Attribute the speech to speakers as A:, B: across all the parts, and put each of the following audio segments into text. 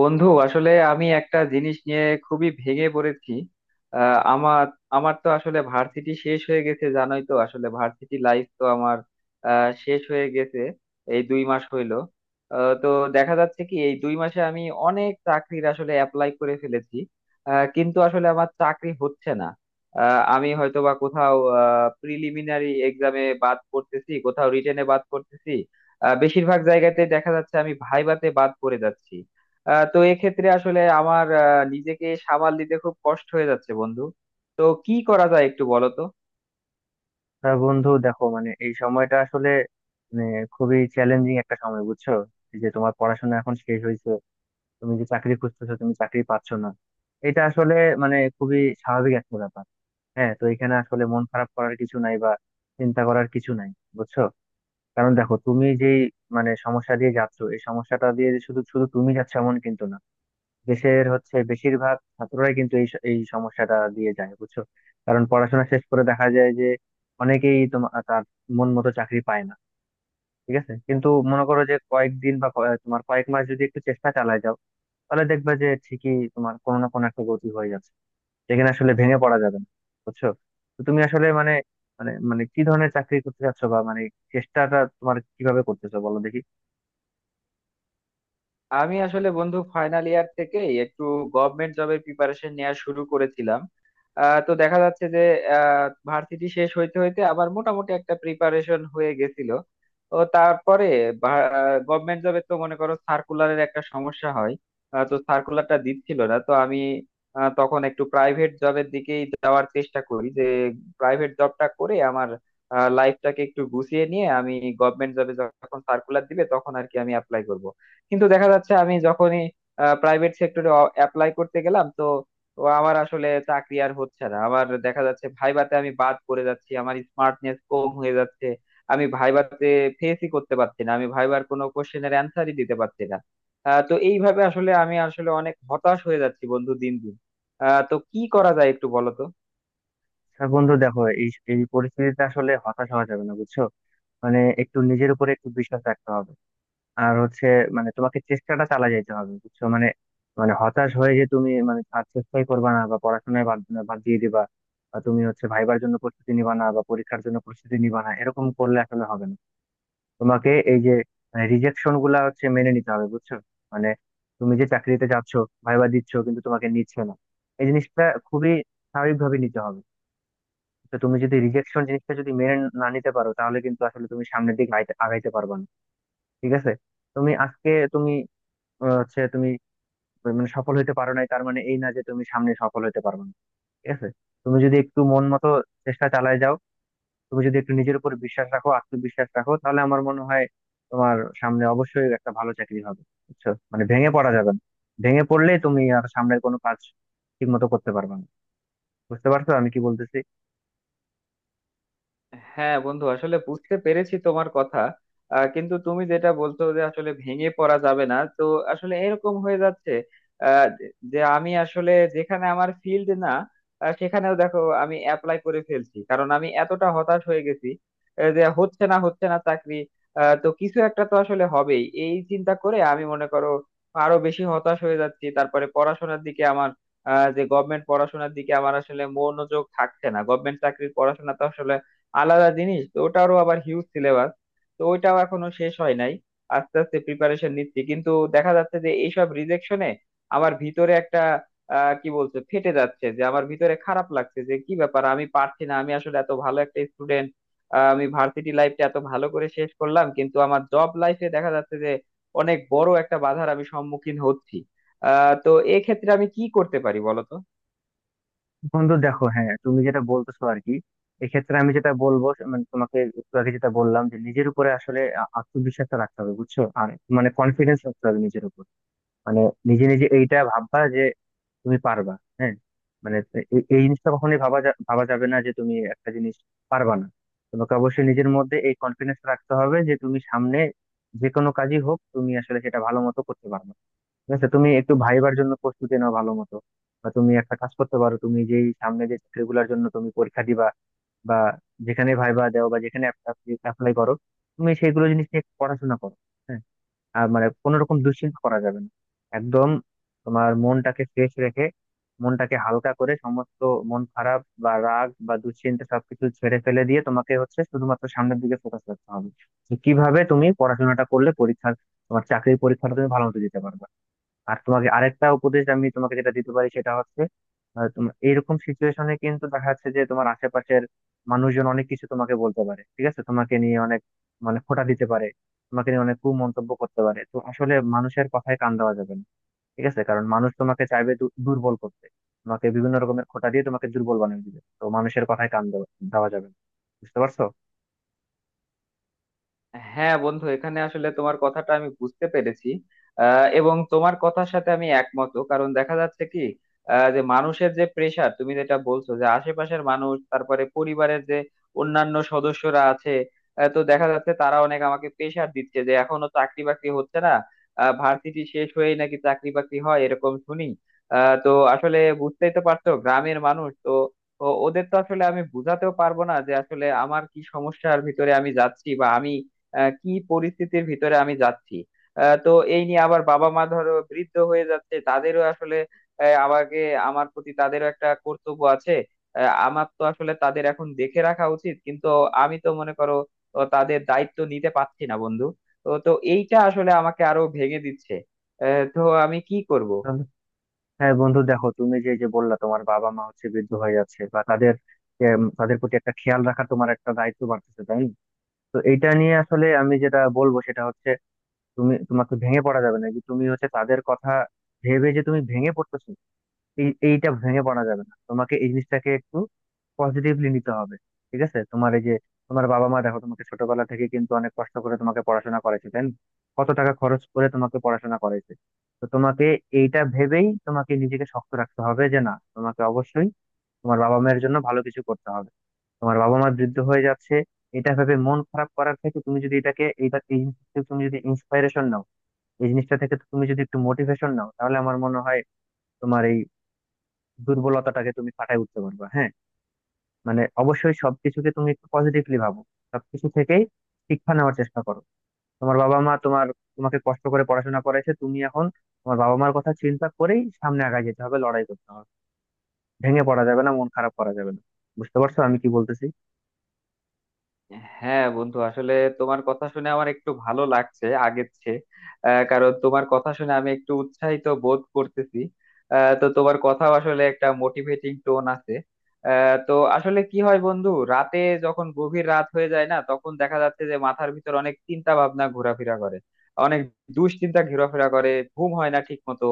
A: বন্ধু আসলে আমি একটা জিনিস নিয়ে খুবই ভেঙে পড়েছি। আমার আমার তো আসলে ভার্সিটি শেষ হয়ে গেছে, জানোই তো, আসলে ভার্সিটি লাইফ তো আমার শেষ হয়ে গেছে, এই 2 মাস হইলো। তো দেখা যাচ্ছে কি এই 2 মাসে আমি অনেক চাকরির আসলে অ্যাপ্লাই করে ফেলেছি। কিন্তু আসলে আমার চাকরি হচ্ছে না। আমি হয়তো বা কোথাও প্রিলিমিনারি এক্সামে বাদ পড়তেছি, কোথাও রিটেনে বাদ পড়তেছি। বেশিরভাগ জায়গাতে দেখা যাচ্ছে আমি ভাইভাতে বাদ পড়ে যাচ্ছি। তো এক্ষেত্রে আসলে আমার নিজেকে সামাল দিতে খুব কষ্ট হয়ে যাচ্ছে বন্ধু। তো কি করা যায় একটু বলো তো।
B: তা বন্ধু দেখো, এই সময়টা আসলে মানে খুবই চ্যালেঞ্জিং একটা সময়, বুঝছো? এই যে তোমার পড়াশোনা এখন শেষ হয়েছে, তুমি যে চাকরি খুঁজতেছো, তুমি চাকরি পাচ্ছ না, এটা আসলে খুবই স্বাভাবিক একটা ব্যাপার। হ্যাঁ, তো এখানে আসলে মন খারাপ করার কিছু নাই বা চিন্তা করার কিছু নাই, বুঝছো? কারণ দেখো, তুমি যেই সমস্যা দিয়ে যাচ্ছ, এই সমস্যাটা দিয়ে যে শুধু শুধু তুমি যাচ্ছ এমন কিন্তু না। দেশের হচ্ছে বেশিরভাগ ছাত্ররাই কিন্তু এই সমস্যাটা দিয়ে যায়, বুঝছো? কারণ পড়াশোনা শেষ করে দেখা যায় যে অনেকেই তোমার তার মন মতো চাকরি পায় না। ঠিক আছে, কিন্তু মনে করো যে কয়েকদিন বা তোমার কয়েক মাস যদি একটু চেষ্টা চালায় যাও, তাহলে দেখবে যে ঠিকই তোমার কোনো না কোনো একটা গতি হয়ে যাচ্ছে। যেখানে আসলে ভেঙে পড়া যাবে না, বুঝছো? তো তুমি আসলে মানে মানে মানে কি ধরনের চাকরি করতে চাচ্ছো বা মানে চেষ্টাটা তোমার কিভাবে করতেছো, বলো দেখি।
A: আমি আসলে বন্ধু ফাইনাল ইয়ার থেকেই একটু গভর্নমেন্ট জবের প্রিপারেশন নেওয়া শুরু করেছিলাম। তো দেখা যাচ্ছে যে ভার্সিটি শেষ হইতে হইতে আবার মোটামুটি একটা প্রিপারেশন হয়ে গেছিল। তো তারপরে গভর্নমেন্ট জবে তো মনে করো সার্কুলারের একটা সমস্যা হয়। তো সার্কুলারটা দিচ্ছিল না, তো আমি তখন একটু প্রাইভেট জবের দিকেই যাওয়ার চেষ্টা করি, যে প্রাইভেট জবটা করে আমার লাইফটাকে একটু গুছিয়ে নিয়ে আমি গভর্নমেন্ট জবে যখন সার্কুলার দিবে তখন আর কি আমি অ্যাপ্লাই করব। কিন্তু দেখা যাচ্ছে আমি যখনই প্রাইভেট সেক্টরে অ্যাপ্লাই করতে গেলাম, তো তো আমার আসলে চাকরি আর হচ্ছে না, আমার দেখা যাচ্ছে ভাইভাতে আমি বাদ পড়ে যাচ্ছি, আমার স্মার্টনেস কম হয়ে যাচ্ছে। আমি ভাইভাতে ফেসই করতে পারছি না, আমি ভাইবার কোনো কোশ্চেনের অ্যান্সারই দিতে পারছি না। তো এইভাবে আসলে আমি আসলে অনেক হতাশ হয়ে যাচ্ছি বন্ধু দিন দিন। তো কি করা যায় একটু বলো তো।
B: আচ্ছা বন্ধু, দেখো এই এই পরিস্থিতিতে আসলে হতাশ হওয়া যাবে না, বুঝছো? মানে একটু নিজের উপরে একটু বিশ্বাস রাখতে হবে। আর হচ্ছে, মানে তোমাকে চেষ্টাটা চালা যেতে হবে, বুঝছো? মানে মানে হতাশ হয়ে যে তুমি মানে আর চেষ্টাই করবা না বা পড়াশোনায় বাদ বাদ দিয়ে দিবা, বা তুমি হচ্ছে ভাইবার জন্য প্রস্তুতি নিবা না বা পরীক্ষার জন্য প্রস্তুতি নিবা না, এরকম করলে আসলে হবে না। তোমাকে এই যে রিজেকশন গুলা হচ্ছে মেনে নিতে হবে, বুঝছো? মানে তুমি যে চাকরিতে যাচ্ছ, ভাইবা দিচ্ছ, কিন্তু তোমাকে নিচ্ছে না, এই জিনিসটা খুবই স্বাভাবিকভাবে নিতে হবে। তো তুমি যদি রিজেকশন জিনিসটা যদি মেনে না নিতে পারো, তাহলে কিন্তু আসলে তুমি সামনের দিকে আগাইতে আগাইতে পারবা না। ঠিক আছে, তুমি আজকে তুমি হচ্ছে তুমি মানে সফল হইতে পারো নাই, তার মানে এই না যে তুমি সামনে সফল হইতে পারবে না। ঠিক আছে, তুমি যদি একটু মন মতো চেষ্টা চালায় যাও, তুমি যদি একটু নিজের উপর বিশ্বাস রাখো, আত্মবিশ্বাস রাখো, তাহলে আমার মনে হয় তোমার সামনে অবশ্যই একটা ভালো চাকরি হবে। বুঝছো, মানে ভেঙে পড়া যাবে না। ভেঙে পড়লে তুমি আর সামনের কোনো কাজ ঠিক মতো করতে পারবে না। বুঝতে পারছো আমি কি বলতেছি?
A: হ্যাঁ বন্ধু, আসলে বুঝতে পেরেছি তোমার কথা। কিন্তু তুমি যেটা বলছো যে আসলে ভেঙে পড়া যাবে না, তো আসলে এরকম হয়ে যাচ্ছে আহ, যে যে আমি আসলে যেখানে আমার ফিল্ড না, সেখানেও দেখো আমি অ্যাপ্লাই করে ফেলছি, কারণ আমি এতটা হতাশ হয়ে গেছি যে হচ্ছে না হচ্ছে না চাকরি। তো কিছু একটা তো আসলে হবেই, এই চিন্তা করে আমি মনে করো আরো বেশি হতাশ হয়ে যাচ্ছি। তারপরে পড়াশোনার দিকে আমার যে গভর্নমেন্ট পড়াশোনার দিকে আমার আসলে মনোযোগ থাকছে না। গভর্নমেন্ট চাকরির পড়াশোনা তো আসলে আলাদা জিনিস, তো ওটারও আবার হিউজ সিলেবাস, তো ওইটাও এখনো শেষ হয় নাই। আস্তে আস্তে প্রিপারেশন নিচ্ছি, কিন্তু দেখা যাচ্ছে যে এইসব রিজেকশনে আমার ভিতরে একটা আহ কি বলছে ফেটে যাচ্ছে, যে আমার ভিতরে খারাপ লাগছে যে কি ব্যাপার আমি পারছি না। আমি আসলে এত ভালো একটা স্টুডেন্ট, আমি ভার্সিটি লাইফটা এত ভালো করে শেষ করলাম, কিন্তু আমার জব লাইফে দেখা যাচ্ছে যে অনেক বড় একটা বাধার আমি সম্মুখীন হচ্ছি। আহ তো এক্ষেত্রে আমি কি করতে পারি বলো তো।
B: বন্ধু দেখো, হ্যাঁ তুমি যেটা বলতেছো আর কি, এক্ষেত্রে আমি যেটা বলবো, মানে তোমাকে একটু আগে যেটা বললাম যে নিজের উপরে আসলে আত্মবিশ্বাসটা রাখতে হবে, বুঝছো? আর মানে কনফিডেন্স রাখতে হবে নিজের উপর। মানে নিজে নিজে এইটা ভাববা যে তুমি পারবা। হ্যাঁ, মানে এই জিনিসটা কখনোই ভাবা যাবে না যে তুমি একটা জিনিস পারবা না। তোমাকে অবশ্যই নিজের মধ্যে এই কনফিডেন্স রাখতে হবে যে তুমি সামনে যে কোনো কাজই হোক তুমি আসলে সেটা ভালো মতো করতে পারবে। ঠিক আছে, তুমি একটু ভাইবার জন্য প্রস্তুতি নাও ভালো মতো। বা তুমি একটা কাজ করতে পারো, তুমি যেই সামনে যে চাকরিগুলোর জন্য তুমি পরীক্ষা দিবা বা যেখানে ভাইবা দাও বা যেখানে অ্যাপ্লাই করো, তুমি সেইগুলো জিনিস নিয়ে একটু পড়াশোনা করো। হ্যাঁ, আর মানে কোনো রকম দুশ্চিন্তা করা যাবে না একদম। তোমার মনটাকে ফ্রেশ রেখে, মনটাকে হালকা করে সমস্ত মন খারাপ বা রাগ বা দুশ্চিন্তা সবকিছু ছেড়ে ফেলে দিয়ে তোমাকে হচ্ছে শুধুমাত্র সামনের দিকে ফোকাস করতে হবে যে কিভাবে তুমি পড়াশোনাটা করলে পরীক্ষার তোমার চাকরির পরীক্ষাটা তুমি ভালো মতো দিতে পারবে। আর তোমাকে আরেকটা উপদেশ আমি তোমাকে যেটা দিতে পারি, সেটা হচ্ছে তোমার এইরকম সিচুয়েশনে কিন্তু দেখা যাচ্ছে যে তোমার আশেপাশের মানুষজন অনেক কিছু তোমাকে বলতে পারে। ঠিক আছে, তোমাকে নিয়ে অনেক মানে খোঁটা দিতে পারে, তোমাকে নিয়ে অনেক কুমন্তব্য করতে পারে, তো আসলে মানুষের কথায় কান দেওয়া যাবে না। ঠিক আছে, কারণ মানুষ তোমাকে চাইবে দুর্বল করতে, তোমাকে বিভিন্ন রকমের খোঁটা দিয়ে তোমাকে দুর্বল বানিয়ে দিবে, তো মানুষের কথায় কান দেওয়া দেওয়া যাবে না। বুঝতে পারছো?
A: হ্যাঁ বন্ধু, এখানে আসলে তোমার কথাটা আমি বুঝতে পেরেছি। এবং তোমার কথার সাথে আমি একমত, কারণ দেখা যাচ্ছে কি যে মানুষের যে প্রেসার তুমি যেটা বলছো যে আশেপাশের মানুষ, তারপরে পরিবারের যে অন্যান্য সদস্যরা আছে, তো দেখা যাচ্ছে তারা অনেক আমাকে প্রেসার দিচ্ছে যে এখনো চাকরি বাকরি হচ্ছে না, ভার্সিটি শেষ হয়েই নাকি চাকরি বাকরি হয় এরকম শুনি। তো আসলে বুঝতেই তো পারছো গ্রামের মানুষ তো ওদের তো আসলে আমি বুঝাতেও পারবো না যে আসলে আমার কি সমস্যার ভিতরে আমি যাচ্ছি, বা আমি কি পরিস্থিতির ভিতরে আমি যাচ্ছি। তো এই নিয়ে আবার বাবা মা ধরো বৃদ্ধ হয়ে যাচ্ছে, তাদেরও আসলে আমাকে, আমার প্রতি তাদেরও একটা কর্তব্য আছে। আমার তো আসলে তাদের এখন দেখে রাখা উচিত, কিন্তু আমি তো মনে করো তাদের দায়িত্ব নিতে পারছি না বন্ধু। তো তো এইটা আসলে আমাকে আরো ভেঙে দিচ্ছে। তো আমি কি করব।
B: হ্যাঁ বন্ধু, দেখো তুমি যে যে বললা তোমার বাবা মা হচ্ছে বৃদ্ধ হয়ে যাচ্ছে বা তাদের তাদের প্রতি একটা খেয়াল রাখা তোমার একটা দায়িত্ব বাড়তেছে, তাই না? তো এইটা নিয়ে আসলে আমি যেটা বলবো সেটা হচ্ছে, তোমাকে ভেঙে পড়া যাবে না যে তুমি হচ্ছে তাদের কথা ভেবে যে তুমি ভেঙে পড়তেছো, এইটা ভেঙে পড়া যাবে না। তোমাকে এই জিনিসটাকে একটু পজিটিভলি নিতে হবে। ঠিক আছে, তোমার এই যে তোমার বাবা মা দেখো তোমাকে ছোটবেলা থেকে কিন্তু অনেক কষ্ট করে তোমাকে পড়াশোনা করাইছে, তাই না? কত টাকা খরচ করে তোমাকে পড়াশোনা করাইছে। তো তোমাকে এইটা ভেবেই তোমাকে নিজেকে শক্ত রাখতে হবে যে না, তোমাকে অবশ্যই তোমার বাবা মায়ের জন্য ভালো কিছু করতে হবে। তোমার বাবা মা বৃদ্ধ হয়ে যাচ্ছে, এটা ভেবে মন খারাপ করার থেকে তুমি যদি এটাকে এইটা এই জিনিস থেকে তুমি যদি ইন্সপাইরেশন নাও, এই জিনিসটা থেকে তুমি যদি একটু মোটিভেশন নাও, তাহলে আমার মনে হয় তোমার এই দুর্বলতাটাকে তুমি কাটায় উঠতে পারবা। হ্যাঁ, মানে অবশ্যই সবকিছুকে তুমি একটু পজিটিভলি ভাবো, সবকিছু থেকেই শিক্ষা নেওয়ার চেষ্টা করো। তোমার বাবা মা তোমার তোমাকে কষ্ট করে পড়াশোনা করেছে, তুমি এখন তোমার বাবা মার কথা চিন্তা করেই সামনে আগায় যেতে হবে, লড়াই করতে হবে। ভেঙে পড়া যাবে না, মন খারাপ করা যাবে না। বুঝতে পারছো আমি কি বলতেছি?
A: হ্যাঁ বন্ধু, আসলে তোমার কথা শুনে আমার একটু ভালো লাগছে আগের চেয়ে। কারণ তোমার কথা শুনে আমি একটু উৎসাহিত বোধ করতেছি। তো তোমার কথা আসলে একটা মোটিভেটিং টোন আছে। তো আসলে কি হয় বন্ধু, রাতে যখন গভীর রাত হয়ে যায় না, তখন দেখা যাচ্ছে যে মাথার ভিতর অনেক চিন্তা ভাবনা ঘোরাফেরা করে, অনেক দুশ্চিন্তা ঘোরাফেরা করে, ঘুম হয় না ঠিক মতো।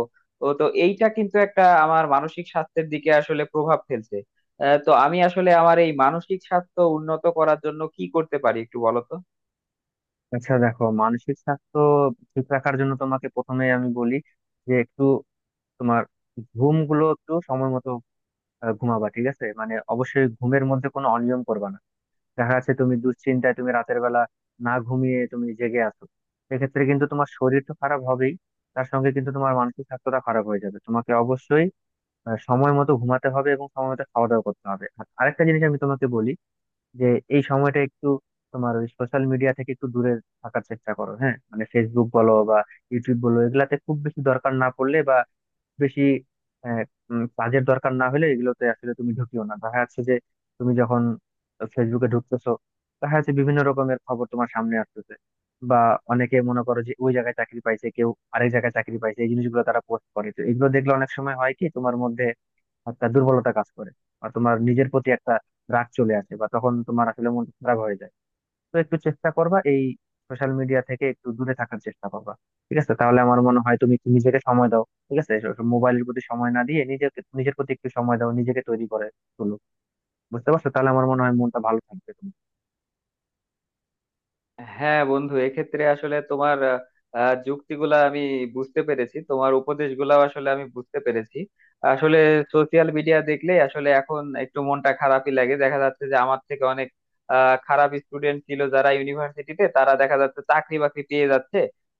A: ও তো এইটা কিন্তু একটা আমার মানসিক স্বাস্থ্যের দিকে আসলে প্রভাব ফেলছে। তো আমি আসলে আমার এই মানসিক স্বাস্থ্য উন্নত করার জন্য কি করতে পারি একটু বলো তো।
B: আচ্ছা, দেখো মানসিক স্বাস্থ্য ঠিক রাখার জন্য তোমাকে প্রথমে আমি বলি যে একটু তোমার ঘুম গুলো একটু সময় মতো ঘুমাবা। ঠিক আছে, মানে অবশ্যই ঘুমের মধ্যে কোনো অনিয়ম করবা না। দেখা যাচ্ছে তুমি দুশ্চিন্তায় তুমি রাতের বেলা না ঘুমিয়ে তুমি জেগে আছো, সেক্ষেত্রে কিন্তু তোমার শরীর তো খারাপ হবেই, তার সঙ্গে কিন্তু তোমার মানসিক স্বাস্থ্যটা খারাপ হয়ে যাবে। তোমাকে অবশ্যই সময় মতো ঘুমাতে হবে এবং সময় মতো খাওয়া দাওয়া করতে হবে। আর আরেকটা জিনিস আমি তোমাকে বলি যে এই সময়টা একটু তোমার ওই সোশ্যাল মিডিয়া থেকে একটু দূরে থাকার চেষ্টা করো। হ্যাঁ, মানে ফেসবুক বলো বা ইউটিউব বলো, এগুলাতে খুব বেশি দরকার না পড়লে বা বেশি আহ, কাজের দরকার না হলে এগুলোতে আসলে তুমি ঢুকিও না। দেখা যাচ্ছে যে তুমি যখন ফেসবুকে ঢুকতেছো, দেখা যাচ্ছে বিভিন্ন রকমের খবর তোমার সামনে আসতেছে, বা অনেকে মনে করো যে ওই জায়গায় চাকরি পাইছে কেউ, আরেক জায়গায় চাকরি পাইছে, এই জিনিসগুলো তারা পোস্ট করে, তো এগুলো দেখলে অনেক সময় হয় কি তোমার মধ্যে একটা দুর্বলতা কাজ করে বা তোমার নিজের প্রতি একটা রাগ চলে আসে, বা তখন তোমার আসলে মন খারাপ হয়ে যায়। তো একটু চেষ্টা করবা এই সোশ্যাল মিডিয়া থেকে একটু দূরে থাকার চেষ্টা করবা। ঠিক আছে, তাহলে আমার মনে হয় তুমি একটু নিজেকে সময় দাও। ঠিক আছে, মোবাইলের প্রতি সময় না দিয়ে নিজেকে নিজের প্রতি একটু সময় দাও, নিজেকে তৈরি করে তোলো। বুঝতে পারছো? তাহলে আমার মনে হয় মনটা ভালো থাকবে তোমার।
A: হ্যাঁ বন্ধু, এক্ষেত্রে আসলে তোমার আহ, আহ, যুক্তিগুলা আমি বুঝতে পেরেছি, তোমার উপদেশগুলা আসলে আমি বুঝতে পেরেছি। আসলে সোশিয়াল মিডিয়া দেখলে আসলে এখন একটু মনটা খারাপই লাগে, দেখা যাচ্ছে যে আমার থেকে অনেক খারাপ স্টুডেন্ট ছিল যারা ইউনিভার্সিটিতে, তারা দেখা যাচ্ছে চাকরি বাকরি পেয়ে যাচ্ছে।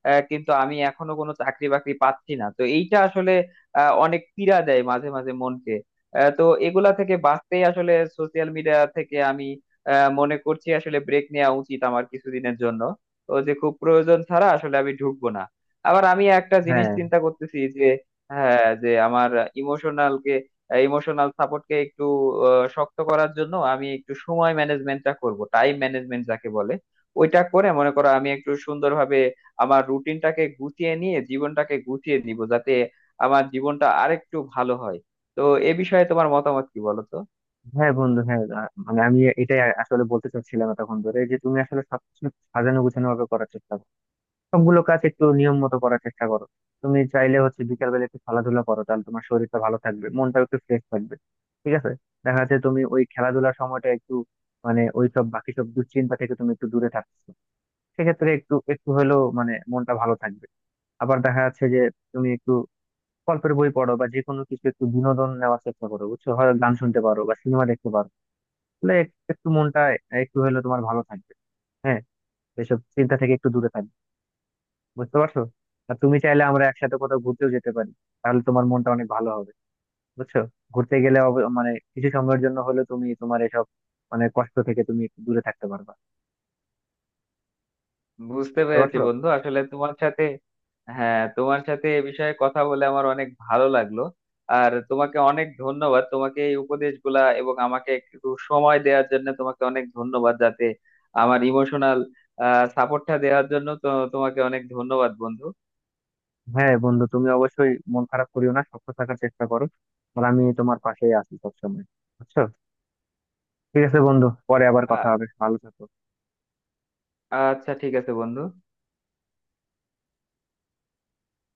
A: কিন্তু আমি এখনো কোনো চাকরি বাকরি পাচ্ছি না, তো এইটা আসলে অনেক পীড়া দেয় মাঝে মাঝে মনকে। তো এগুলা থেকে বাঁচতেই আসলে সোশিয়াল মিডিয়া থেকে আমি মনে করছি আসলে ব্রেক নেওয়া উচিত আমার কিছুদিনের জন্য। তো যে খুব প্রয়োজন ছাড়া আসলে আমি ঢুকবো না। আবার আমি একটা জিনিস
B: হ্যাঁ,
A: চিন্তা করতেছি যে, হ্যাঁ, যে আমার ইমোশনাল কে ইমোশনাল সাপোর্ট কে একটু শক্ত করার জন্য আমি একটু সময় ম্যানেজমেন্টটা করব, টাইম ম্যানেজমেন্ট যাকে বলে, ওইটা করে মনে করো আমি একটু সুন্দরভাবে আমার রুটিনটাকে গুছিয়ে নিয়ে জীবনটাকে গুছিয়ে দিব যাতে আমার জীবনটা আরেকটু ভালো হয়। তো এ বিষয়ে তোমার মতামত কি বলো তো।
B: হ্যাঁ বন্ধু, হ্যাঁ মানে আমি এটাই আসলে বলতে চাচ্ছিলাম তখন ধরে যে তুমি আসলে সবকিছু সাজানো গুছানো ভাবে করার চেষ্টা করো। সবগুলো কাজ একটু নিয়ম মতো করার চেষ্টা করো। তুমি চাইলে হচ্ছে বিকাল বেলা একটু খেলাধুলা করো, তাহলে তোমার শরীরটা ভালো থাকবে, মনটাও একটু ফ্রেশ থাকবে। ঠিক আছে, দেখা যাচ্ছে তুমি ওই খেলাধুলার সময়টা একটু মানে ওই সব বাকি সব দুশ্চিন্তা থেকে তুমি একটু দূরে থাকছো, সেক্ষেত্রে একটু একটু হলেও মানে মনটা ভালো থাকবে। আবার দেখা যাচ্ছে যে তুমি একটু গল্পের বই পড়ো বা যে কোনো কিছু একটু বিনোদন নেওয়ার চেষ্টা করো, বুঝছো, হয় গান শুনতে পারো বা সিনেমা দেখতে পারো, তাহলে একটু মনটা একটু হলেও তোমার ভালো থাকবে। হ্যাঁ, এসব চিন্তা থেকে একটু দূরে থাকবে। বুঝতে পারছো? আর তুমি চাইলে আমরা একসাথে কোথাও ঘুরতেও যেতে পারি, তাহলে তোমার মনটা অনেক ভালো হবে, বুঝছো? ঘুরতে গেলে মানে কিছু সময়ের জন্য হলেও তুমি তোমার এসব মানে কষ্ট থেকে তুমি একটু দূরে থাকতে পারবা।
A: বুঝতে
B: বুঝতে
A: পেরেছি
B: পারছো?
A: বন্ধু, আসলে তোমার সাথে হ্যাঁ তোমার সাথে এ বিষয়ে কথা বলে আমার অনেক ভালো লাগলো। আর তোমাকে অনেক ধন্যবাদ, তোমাকে এই উপদেশগুলা এবং আমাকে একটু সময় দেওয়ার জন্য তোমাকে অনেক ধন্যবাদ, যাতে আমার ইমোশনাল সাপোর্টটা দেওয়ার জন্য, তো তোমাকে অনেক ধন্যবাদ বন্ধু।
B: হ্যাঁ বন্ধু, তুমি অবশ্যই মন খারাপ করিও না, শক্ত থাকার চেষ্টা করো। আর আমি তোমার পাশেই আছি সবসময়, বুঝছো? ঠিক আছে বন্ধু, পরে আবার কথা
A: আ-
B: হবে, ভালো থেকো।
A: আচ্ছা, ঠিক আছে বন্ধু।